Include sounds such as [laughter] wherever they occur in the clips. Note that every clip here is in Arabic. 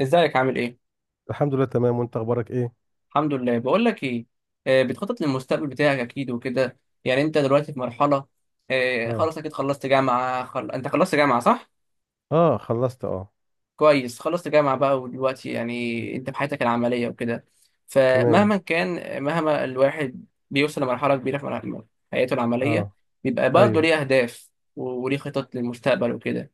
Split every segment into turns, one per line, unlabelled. ازيك عامل ايه؟
الحمد لله، تمام. وانت اخبارك ايه؟
الحمد لله، بقول لك ايه. بتخطط للمستقبل بتاعك اكيد وكده. يعني انت دلوقتي في مرحلة.
اه،
خلاص اكيد خلصت جامعة انت خلصت جامعة صح؟
اه، خلصت، اه.
كويس، خلصت جامعة بقى ودلوقتي يعني انت في حياتك العملية وكده.
تمام.
فمهما كان، مهما الواحد بيوصل لمرحلة كبيرة حياته العملية،
اه.
بيبقى برضه
ايوه.
ليه اهداف وليه خطط للمستقبل وكده.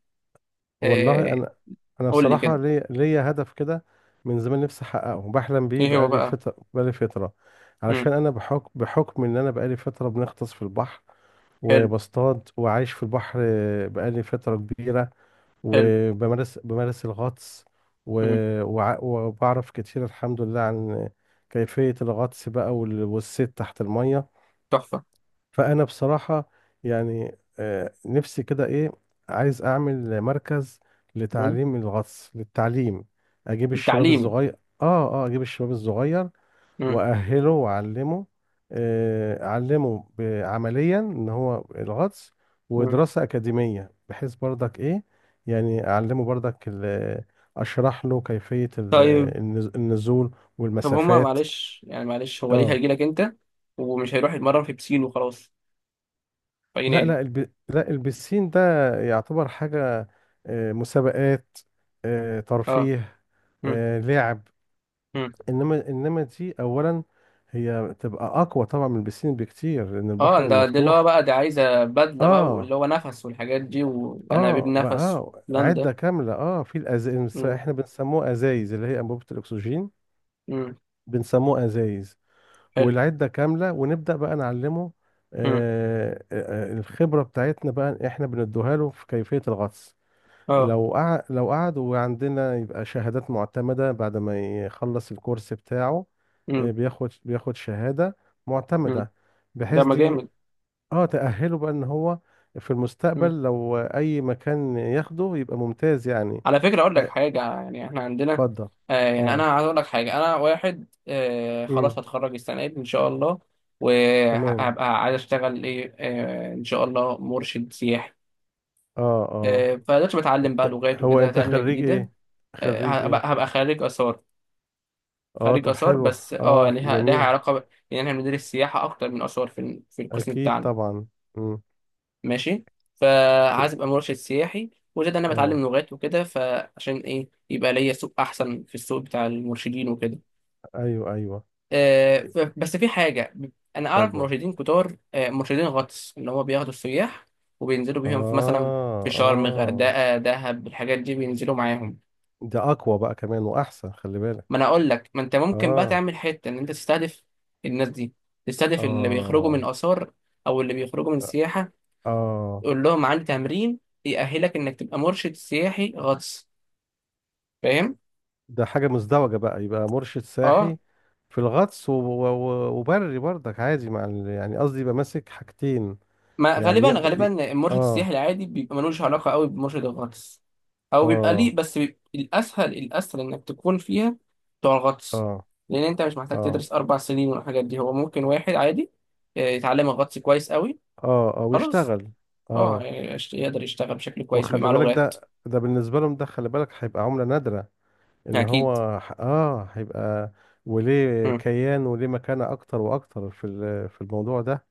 والله،
آه،
انا
قول لي
بصراحه
كده،
ليا هدف كده من زمان نفسي احققه، بحلم بيه
ايه هو
بقالي
بقى؟
فتره بقالي فتره
مم.
علشان انا بحكم ان انا بقالي فتره بنغطس في البحر،
حلو.
وبصطاد، وعايش في البحر بقالي فتره كبيره.
حلو.
وبمارس الغطس و...
مم.
وبعرف كتير الحمد لله عن كيفيه الغطس بقى، والصيد تحت الميه.
تحفة.
فانا بصراحه، يعني نفسي كده، ايه، عايز اعمل مركز
مم.
لتعليم الغطس، للتعليم. اجيب الشباب
التعليم.
الصغير. اه. اه. اجيب الشباب الصغير،
مم.
واهله، واعلمه، اعلمه عمليا ان هو الغطس،
مم.
ودراسه اكاديميه، بحيث برضك ايه، يعني اعلمه برضك، اشرح له كيفيه
طيب.
النزول
طب هما
والمسافات.
معلش هو ليه
اه.
هيجي لك انت ومش هيروح يتمرن في بسين وخلاص، في اي
لا،
نادي؟
لا، لا البسين ده يعتبر حاجة، مسابقات،
اه.
ترفيه،
مم.
لعب.
مم.
انما دي اولا هي تبقى اقوى طبعا من البسين بكتير، لان
اه،
البحر
ده اللي هو
المفتوح.
بقى دي عايزه بدله بقى واللي
اه.
هو نفس والحاجات دي وانابيب
اه. بقى
نفس والكلام ده.
عدة كاملة، اه، في
مم.
احنا بنسموه ازايز، اللي هي انبوبة الاكسجين.
مم.
بنسموه ازايز.
حلو.
والعدة كاملة، ونبدأ بقى نعلمه.
مم.
الخبرة بتاعتنا بقى احنا بندوها له في كيفية الغطس.
اه.
لو قعد وعندنا، يبقى شهادات معتمدة بعد ما يخلص الكورس بتاعه.
مم.
بياخد شهادة
مم.
معتمدة،
ده
بحيث
ما جامد.
دي، اه، تأهله بقى ان هو في المستقبل لو اي مكان ياخده يبقى ممتاز يعني.
على فكرة أقول لك
آه،
حاجة، يعني إحنا عندنا.
اتفضل.
آه يعني أنا
اه.
عايز أقول لك حاجة، أنا واحد خلاص
امم
هتخرج السنة دي إن شاء الله،
تمام.
وهبقى عايز أشتغل إيه إن شاء الله مرشد سياحي.
اه، اه.
فدلوقتي بتعلم بقى لغات
هو
وكده
انت
تانية
خريج
جديدة.
ايه؟ خريج
هبقى,
ايه؟
هبقى خريج آثار.
اه،
خريج
طب
آثار،
حلو.
بس
اه،
يعني ليها
جميل.
علاقة يعني إحنا بندرس سياحة أكتر من آثار في القسم
اكيد
بتاعنا.
طبعا. امم
ماشي. فعايز ابقى مرشد سياحي، وزاد انا بتعلم
اه.
لغات وكده فعشان ايه يبقى ليا سوق احسن في السوق بتاع المرشدين وكده.
ايوه، ايوه.
بس في حاجه، انا اعرف
اتفضل.
مرشدين كتار، مرشدين غطس اللي هو بياخدوا السياح وبينزلوا بيهم في مثلا، في
اه،
شرم
اه.
غردقه دهب الحاجات دي بينزلوا معاهم.
ده اقوى بقى كمان واحسن، خلي بالك.
ما انا اقول لك، ما انت ممكن بقى
اه،
تعمل حته ان انت تستهدف الناس دي، تستهدف اللي بيخرجوا من
اه،
اثار او اللي بيخرجوا من سياحه،
اه.
قول لهم عندي تمرين يأهلك انك تبقى مرشد سياحي غطس. فاهم؟
ده حاجة مزدوجة بقى، يبقى مرشد
اه.
ساحي في الغطس، وبري برضك عادي مع يعني قصدي يبقى ماسك حاجتين.
ما
يعني
غالبا غالبا المرشد
اه.
السياحي العادي بيبقى ملوش علاقة قوي بمرشد الغطس، او بيبقى ليه،
اه،
بس بيبقى الاسهل الاسهل انك تكون فيها بتوع الغطس،
اه،
لان انت مش محتاج
اه،
تدرس اربع سنين والحاجات دي. هو ممكن واحد عادي يتعلم الغطس كويس قوي.
اه، اه،
خلاص.
ويشتغل.
اه
اه.
يعني يقدر يشتغل بشكل كويس ويبقى
وخلي
معاه
بالك،
لغات.
ده بالنسبة لهم، ده خلي بالك هيبقى عملة نادرة، ان
اكيد.
هو هيبقى وليه
مم.
كيان وليه مكانة اكتر واكتر في في الموضوع ده.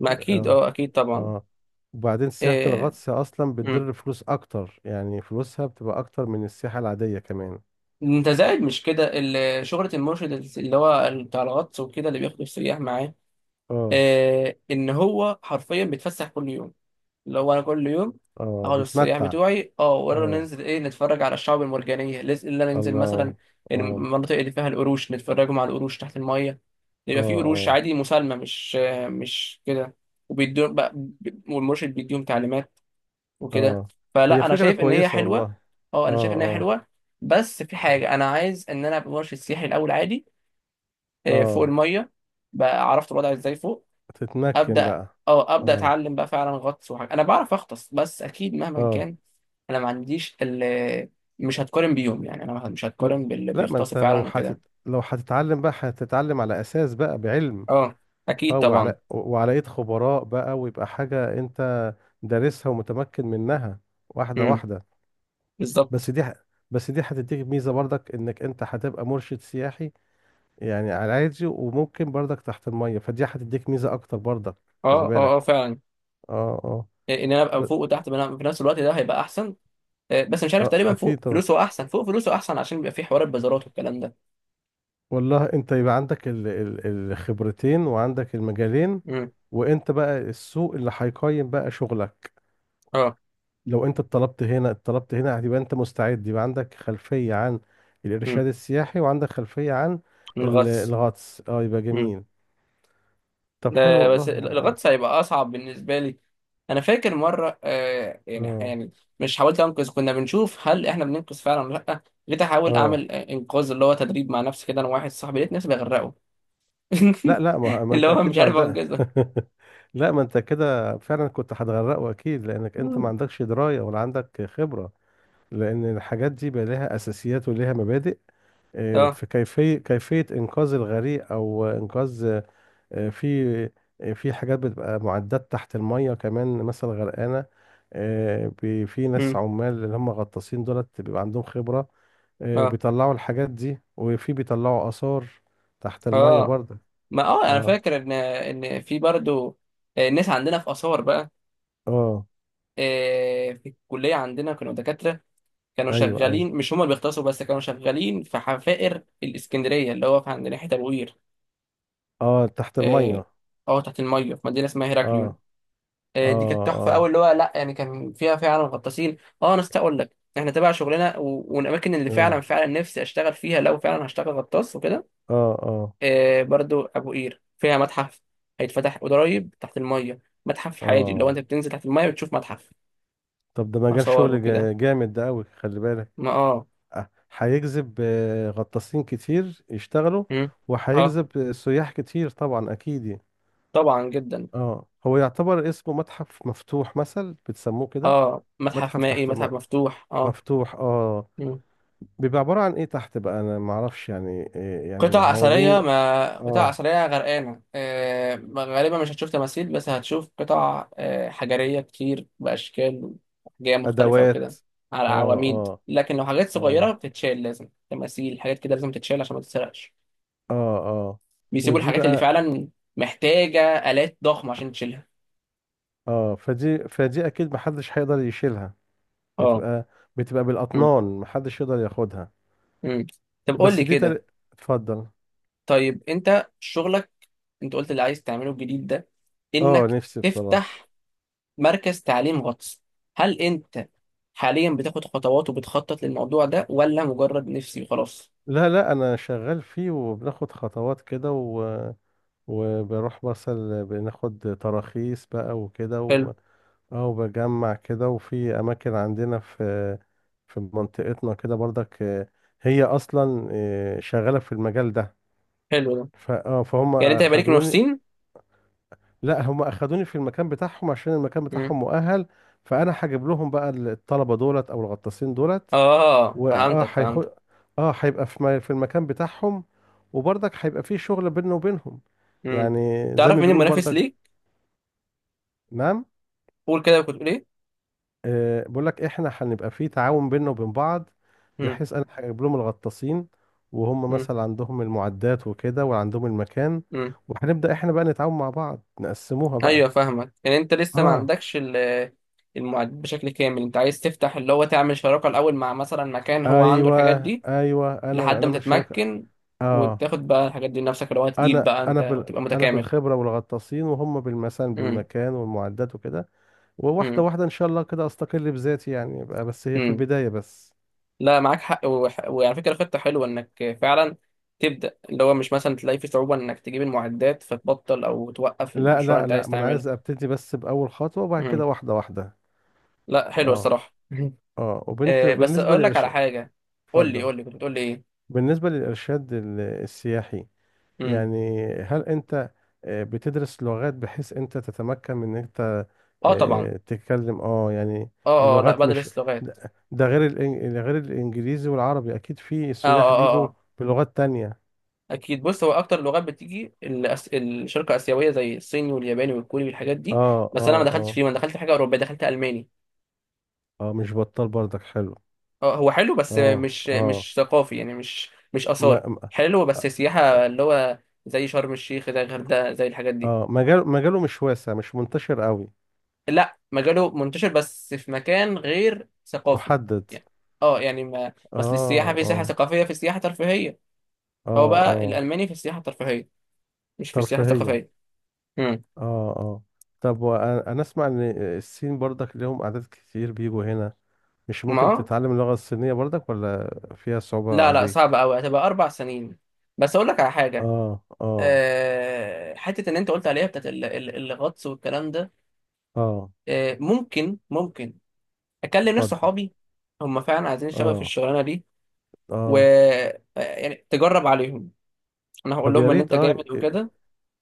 ما اكيد
اه.
اه اكيد طبعا.
اه. وبعدين سياحة
آه،
الغطس اصلا بتدر فلوس اكتر، يعني فلوسها بتبقى اكتر من السياحة العادية كمان.
انت زائد مش كده شهرة المرشد اللي هو بتاع الغطس وكده، اللي بياخد السياح معاه،
اه.
ان هو حرفيا بيتفسح كل يوم. اللي هو انا كل يوم
اه.
اخد السياح
بيتمتع.
بتوعي، ولا
اه.
ننزل ايه، نتفرج على الشعاب المرجانية، اللي أنا ننزل مثلا
الله. اه،
المناطق اللي فيها القروش، نتفرجوا على القروش تحت المية.
اه،
يبقى في قروش
اه،
عادي مسالمة، مش كده. وبيدوا بقى- والمرشد بيديهم تعليمات وكده.
اه. هي
فلا انا
فكرة
شايف ان هي
كويسة والله.
حلوه. اه
اه،
انا شايف ان هي
اه،
حلوه. بس في حاجه، انا عايز ان انا ابقى مرشد سياحي الاول عادي، فوق
اه.
الميه، بقى عرفت الوضع ازاي فوق.
تتمكن
ابدا.
بقى.
اه ابدا
اه
اتعلم بقى فعلا غطس، وحاجه انا بعرف اغطس، بس اكيد مهما
اه
كان انا ما عنديش مش هتقارن بيوم، يعني انا مش
لا
هتقارن باللي
لا ما انت
بيغطسوا
لو
فعلا
حتت...
وكده.
لو هتتعلم بقى هتتعلم على اساس بقى بعلم
اه اكيد
اه
طبعا.
وعلى وعلى ايد خبراء بقى ويبقى حاجة انت دارسها ومتمكن منها واحدة
امم.
واحدة بس
بالظبط.
دي ح... بس دي هتديك ميزة برضك انك انت هتبقى مرشد سياحي يعني على عادي وممكن برضك تحت المية فدي هتديك ميزة اكتر برضك
اه،
خلي
اه، اه،
بالك
فعلا،
اه اه
ان انا ابقى
ب...
فوق وتحت في نفس الوقت، ده هيبقى احسن. آه، بس مش عارف،
اه
تقريبا
اكيد
فوق
طبعا
فلوسه احسن، فوق فلوسه احسن عشان بيبقى فيه حوار البازارات والكلام ده.
والله انت يبقى عندك ال- ال- الخبرتين وعندك المجالين
امم.
وانت بقى السوق اللي هيقيم بقى شغلك
اه.
لو انت اتطلبت هنا اتطلبت هنا هتبقى انت مستعد يبقى عندك خلفية عن
امم.
الارشاد السياحي وعندك خلفية عن ال-
الغطس.
الغطس اه يبقى
امم.
جميل طب حلو
ده بس
والله يعني.
الغطس هيبقى اصعب بالنسبه لي. انا فاكر مره، يعني
اه،
يعني مش، حاولت انقذ، كنا بنشوف هل احنا بننقذ فعلا ولا لا، جيت احاول
اه.
اعمل انقاذ اللي هو تدريب مع نفسي كده، انا واحد صاحبي، لقيت نفسي بغرقه.
لا، لا، ما,
[laughs]
ما
اللي
انت
هو
اكيد
مش
ما
عارف
عندك.
انقذه.
[laughs] لا، ما انت كده فعلا كنت هتغرقه اكيد، لانك انت ما
مم.
عندكش دراية ولا عندك خبرة. لان الحاجات دي بقى لها اساسيات ولها مبادئ،
اه.
في كيفية إنقاذ الغريق، أو إنقاذ آه، في في حاجات بتبقى معدات تحت المية كمان مثلا غرقانة. في ناس
امم.
عمال، اللي هم غطاسين دولت، بيبقى عندهم خبرة،
اه،
وبيطلعوا الحاجات دي، وفي بيطلعوا آثار تحت المية
اه.
برضه.
ما انا
اه،
فاكر ان في برضو ناس عندنا في اثار بقى،
اه.
في الكلية عندنا كانوا دكاترة، كانوا
ايوه، ايوه.
شغالين، مش هما اللي بيختصروا بس، كانوا شغالين في حفائر الإسكندرية اللي هو في عند ناحية أبوير.
اه، تحت
اه.
المية.
تحت المية في مدينة اسمها هيراكليون.
اه، اه،
دي كانت تحفة أوي،
اه،
اللي هو لأ يعني كان فيها فعلا غطاسين. اه، أنا أستحق أقول لك احنا تبع شغلنا والأماكن اللي
اه،
فعلا فعلا نفسي أشتغل فيها، لو فعلا هشتغل غطاس وكده.
اه، اه،
برضو أبو قير فيها متحف هيتفتح قريب تحت المية، متحف حاجي اللي هو
اه.
أنت بتنزل تحت المية بتشوف متحف
طب ده مجال
آثار
شغل
وكده.
جامد ده أوي، خلي بالك.
ما اه.
هيجذب غطاسين كتير يشتغلوا،
مم. اه،
وهيجذب سياح كتير طبعا، اكيد يعني.
طبعا جدا.
اه، هو يعتبر اسمه متحف مفتوح، مثل بتسموه كده.
اه، متحف
متحف
مائي متحف مفتوح، اه.
مفتوح. اه.
مم.
بيبقى عبارة عن ايه تحت بقى، انا معرفش يعني إيه، يعني
قطع أثرية،
عواميد.
ما قطع
اه،
أثرية غرقانة، آه غالبا مش هتشوف تماثيل، بس هتشوف قطع حجرية كتير بأشكال وأحجام مختلفة
ادوات.
وكده، على
اه،
عواميد.
اه،
لكن لو حاجات صغيرة
اه،
بتتشال، لازم تماثيل حاجات كده لازم تتشال عشان ما تتسرقش.
اه، اه.
بيسيبوا
ودي
الحاجات اللي
بقى،
فعلا محتاجة آلات ضخمة عشان تشيلها.
اه، فدي اكيد محدش هيقدر يشيلها،
اه.
بتبقى بتبقى
مم.
بالاطنان، محدش يقدر ياخدها.
مم. طب قول
بس
لي
دي
كده،
تل... اتفضل.
طيب انت شغلك، انت قلت اللي عايز تعمله الجديد ده
اه،
انك
نفسي بصراحة.
تفتح مركز تعليم غطس، هل انت حاليا بتاخد خطوات وبتخطط للموضوع ده ولا مجرد نفسي وخلاص؟
لا، لا، انا شغال فيه، وبناخد خطوات كده وبروح مثلا بناخد تراخيص بقى وكده
حلو.
اه، وبجمع كده، وفي اماكن عندنا في منطقتنا كده برضك، هي اصلا شغالة في المجال ده.
حلو ده.
ف... اه فهم
يعني انت هيبقى ليك
اخدوني.
منافسين؟
لا، هم اخدوني في المكان بتاعهم عشان المكان
مم.
بتاعهم مؤهل. فانا هجيب لهم بقى الطلبة دولت، او الغطاسين دولت.
اه،
واه
فهمتك
هيخ
فهمتك.
اه هيبقى في المكان بتاعهم، وبرضك هيبقى في شغل بيننا وبينهم
مم.
يعني. زي
تعرف
ما
مين
بيقولوا
المنافس
برضك.
ليك؟
نعم.
قول كده، كنت تقول ايه؟
آه، بقول لك، احنا هنبقى في تعاون بيننا وبين بعض،
مم.
بحيث انا هجيب لهم الغطاسين، وهم
مم.
مثلا عندهم المعدات وكده، وعندهم المكان.
مم.
وهنبدأ احنا بقى نتعاون مع بعض، نقسموها
ايوه
بقى.
فاهمك، يعني انت لسه ما
اه،
عندكش المعدات بشكل كامل، انت عايز تفتح اللي هو تعمل شراكة الاول مع مثلا مكان هو عنده
ايوه،
الحاجات دي،
ايوه، انا
لحد
انا من
ما
الشركة.
تتمكن
اه،
وتاخد بقى الحاجات دي لنفسك، اللي هو هتجيب
انا
بقى
انا
انت
بال
وتبقى
انا
متكامل.
بالخبرة والغطاسين، وهم
امم.
بالمكان والمعدات وكده. وواحدة
امم.
واحدة إن شاء الله كده أستقل بذاتي، يعني يبقى بس هي في
امم.
البداية بس.
لا معاك حق، وعلى فكره خطه حلوه انك فعلا تبدا، اللي هو مش مثلا تلاقي في صعوبه انك تجيب المعدات فتبطل او توقف
لا،
المشروع اللي
لا،
انت
لا،
عايز
ما أنا
تعمله.
عايز أبتدي بس بأول خطوة، وبعد
امم.
كده واحدة واحدة.
لا حلوه
أه،
الصراحه. [laughs]
أه، وبنت
بس
بالنسبة
اقول لك على
للإرشاد.
حاجه. قول لي
اتفضل.
قول لي كنت بتقول لي ايه؟
بالنسبة للإرشاد السياحي،
امم.
يعني هل أنت بتدرس لغات بحيث أنت تتمكن من إن أنت
اه طبعا.
تتكلم، أه يعني،
اه، اه، لا
اللغات. مش
بدرس لغات.
ده غير غير الإنجليزي والعربي، أكيد في
اه،
سياح
اه، اه،
بيجوا
آه.
بلغات تانية.
اكيد، بص هو اكتر لغات بتيجي الشرق اسيويه، زي الصيني والياباني والكوري والحاجات دي.
أه،
بس انا ما
أه،
دخلتش
أه،
فيه، ما دخلت في حاجه اوروبيه، دخلت الماني.
اه، مش بطال برضك، حلو.
اه، هو حلو بس
اه،
مش
اه،
مش ثقافي، يعني مش مش
ما
اثار.
ما-
حلو بس
اه،
سياحه، اللي هو زي شرم الشيخ زي الغردقه زي الحاجات دي.
مجال، مجاله مش واسع، مش منتشر قوي،
لا مجاله منتشر، بس في مكان غير ثقافي،
محدد.
يعني. اه يعني ما مثل السياحه،
اه،
في سياحه
اه،
ثقافيه في سياحه ترفيهيه. هو
اه،
بقى
اه،
الالماني في السياحه الترفيهيه، مش في السياحه
ترفيهية.
الثقافيه. امم.
اه، اه. طب انا اسمع ان الصين برضك ليهم اعداد كتير بيجوا هنا، مش ممكن
ما
تتعلم اللغة الصينية برضك؟ ولا فيها صعوبة
لا، لا
عليك؟
صعبة أوي، هتبقى أربع سنين. بس أقول لك على حاجة،
اه، اه،
أه حتة إن أنت قلت عليها بتاعت الغطس والكلام ده،
اه.
أه ممكن ممكن أكلم ناس
اتفضل.
صحابي هم فعلا عايزين يشتغلوا في
اه،
الشغلانة دي، و
اه.
آه، يعني تجرب عليهم، أنا هقول
طب يا
لهم إن
ريت.
أنت
اه،
جامد
إيه.
وكده،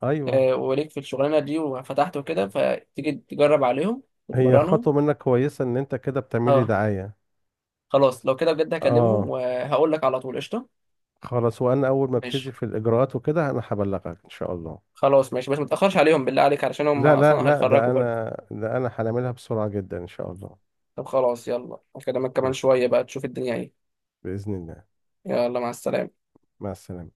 ايوه.
وليك في الشغلانة دي وفتحت وكده، فتيجي تجرب عليهم
هي
وتمرنهم.
خطوة منك كويسة، ان انت كده بتعملي
أه
دعاية.
خلاص لو كده بجد هكلمهم،
اه،
وهقول لك على طول قشطة.
خلاص. وانا اول ما
ماشي،
ابتدي في الاجراءات وكده، انا هبلغك ان شاء الله.
خلاص ماشي، بس متأخرش عليهم بالله عليك علشان هم
لا، لا،
أصلا
لا، ده
هيتخرجوا برضه.
انا ده انا هنعملها بسرعة جدا ان شاء الله.
طب خلاص، يلا أكلمك كمان
نت-
شوية بقى تشوف الدنيا إيه.
بإذن الله.
يلا، مع السلامة.
مع السلامة.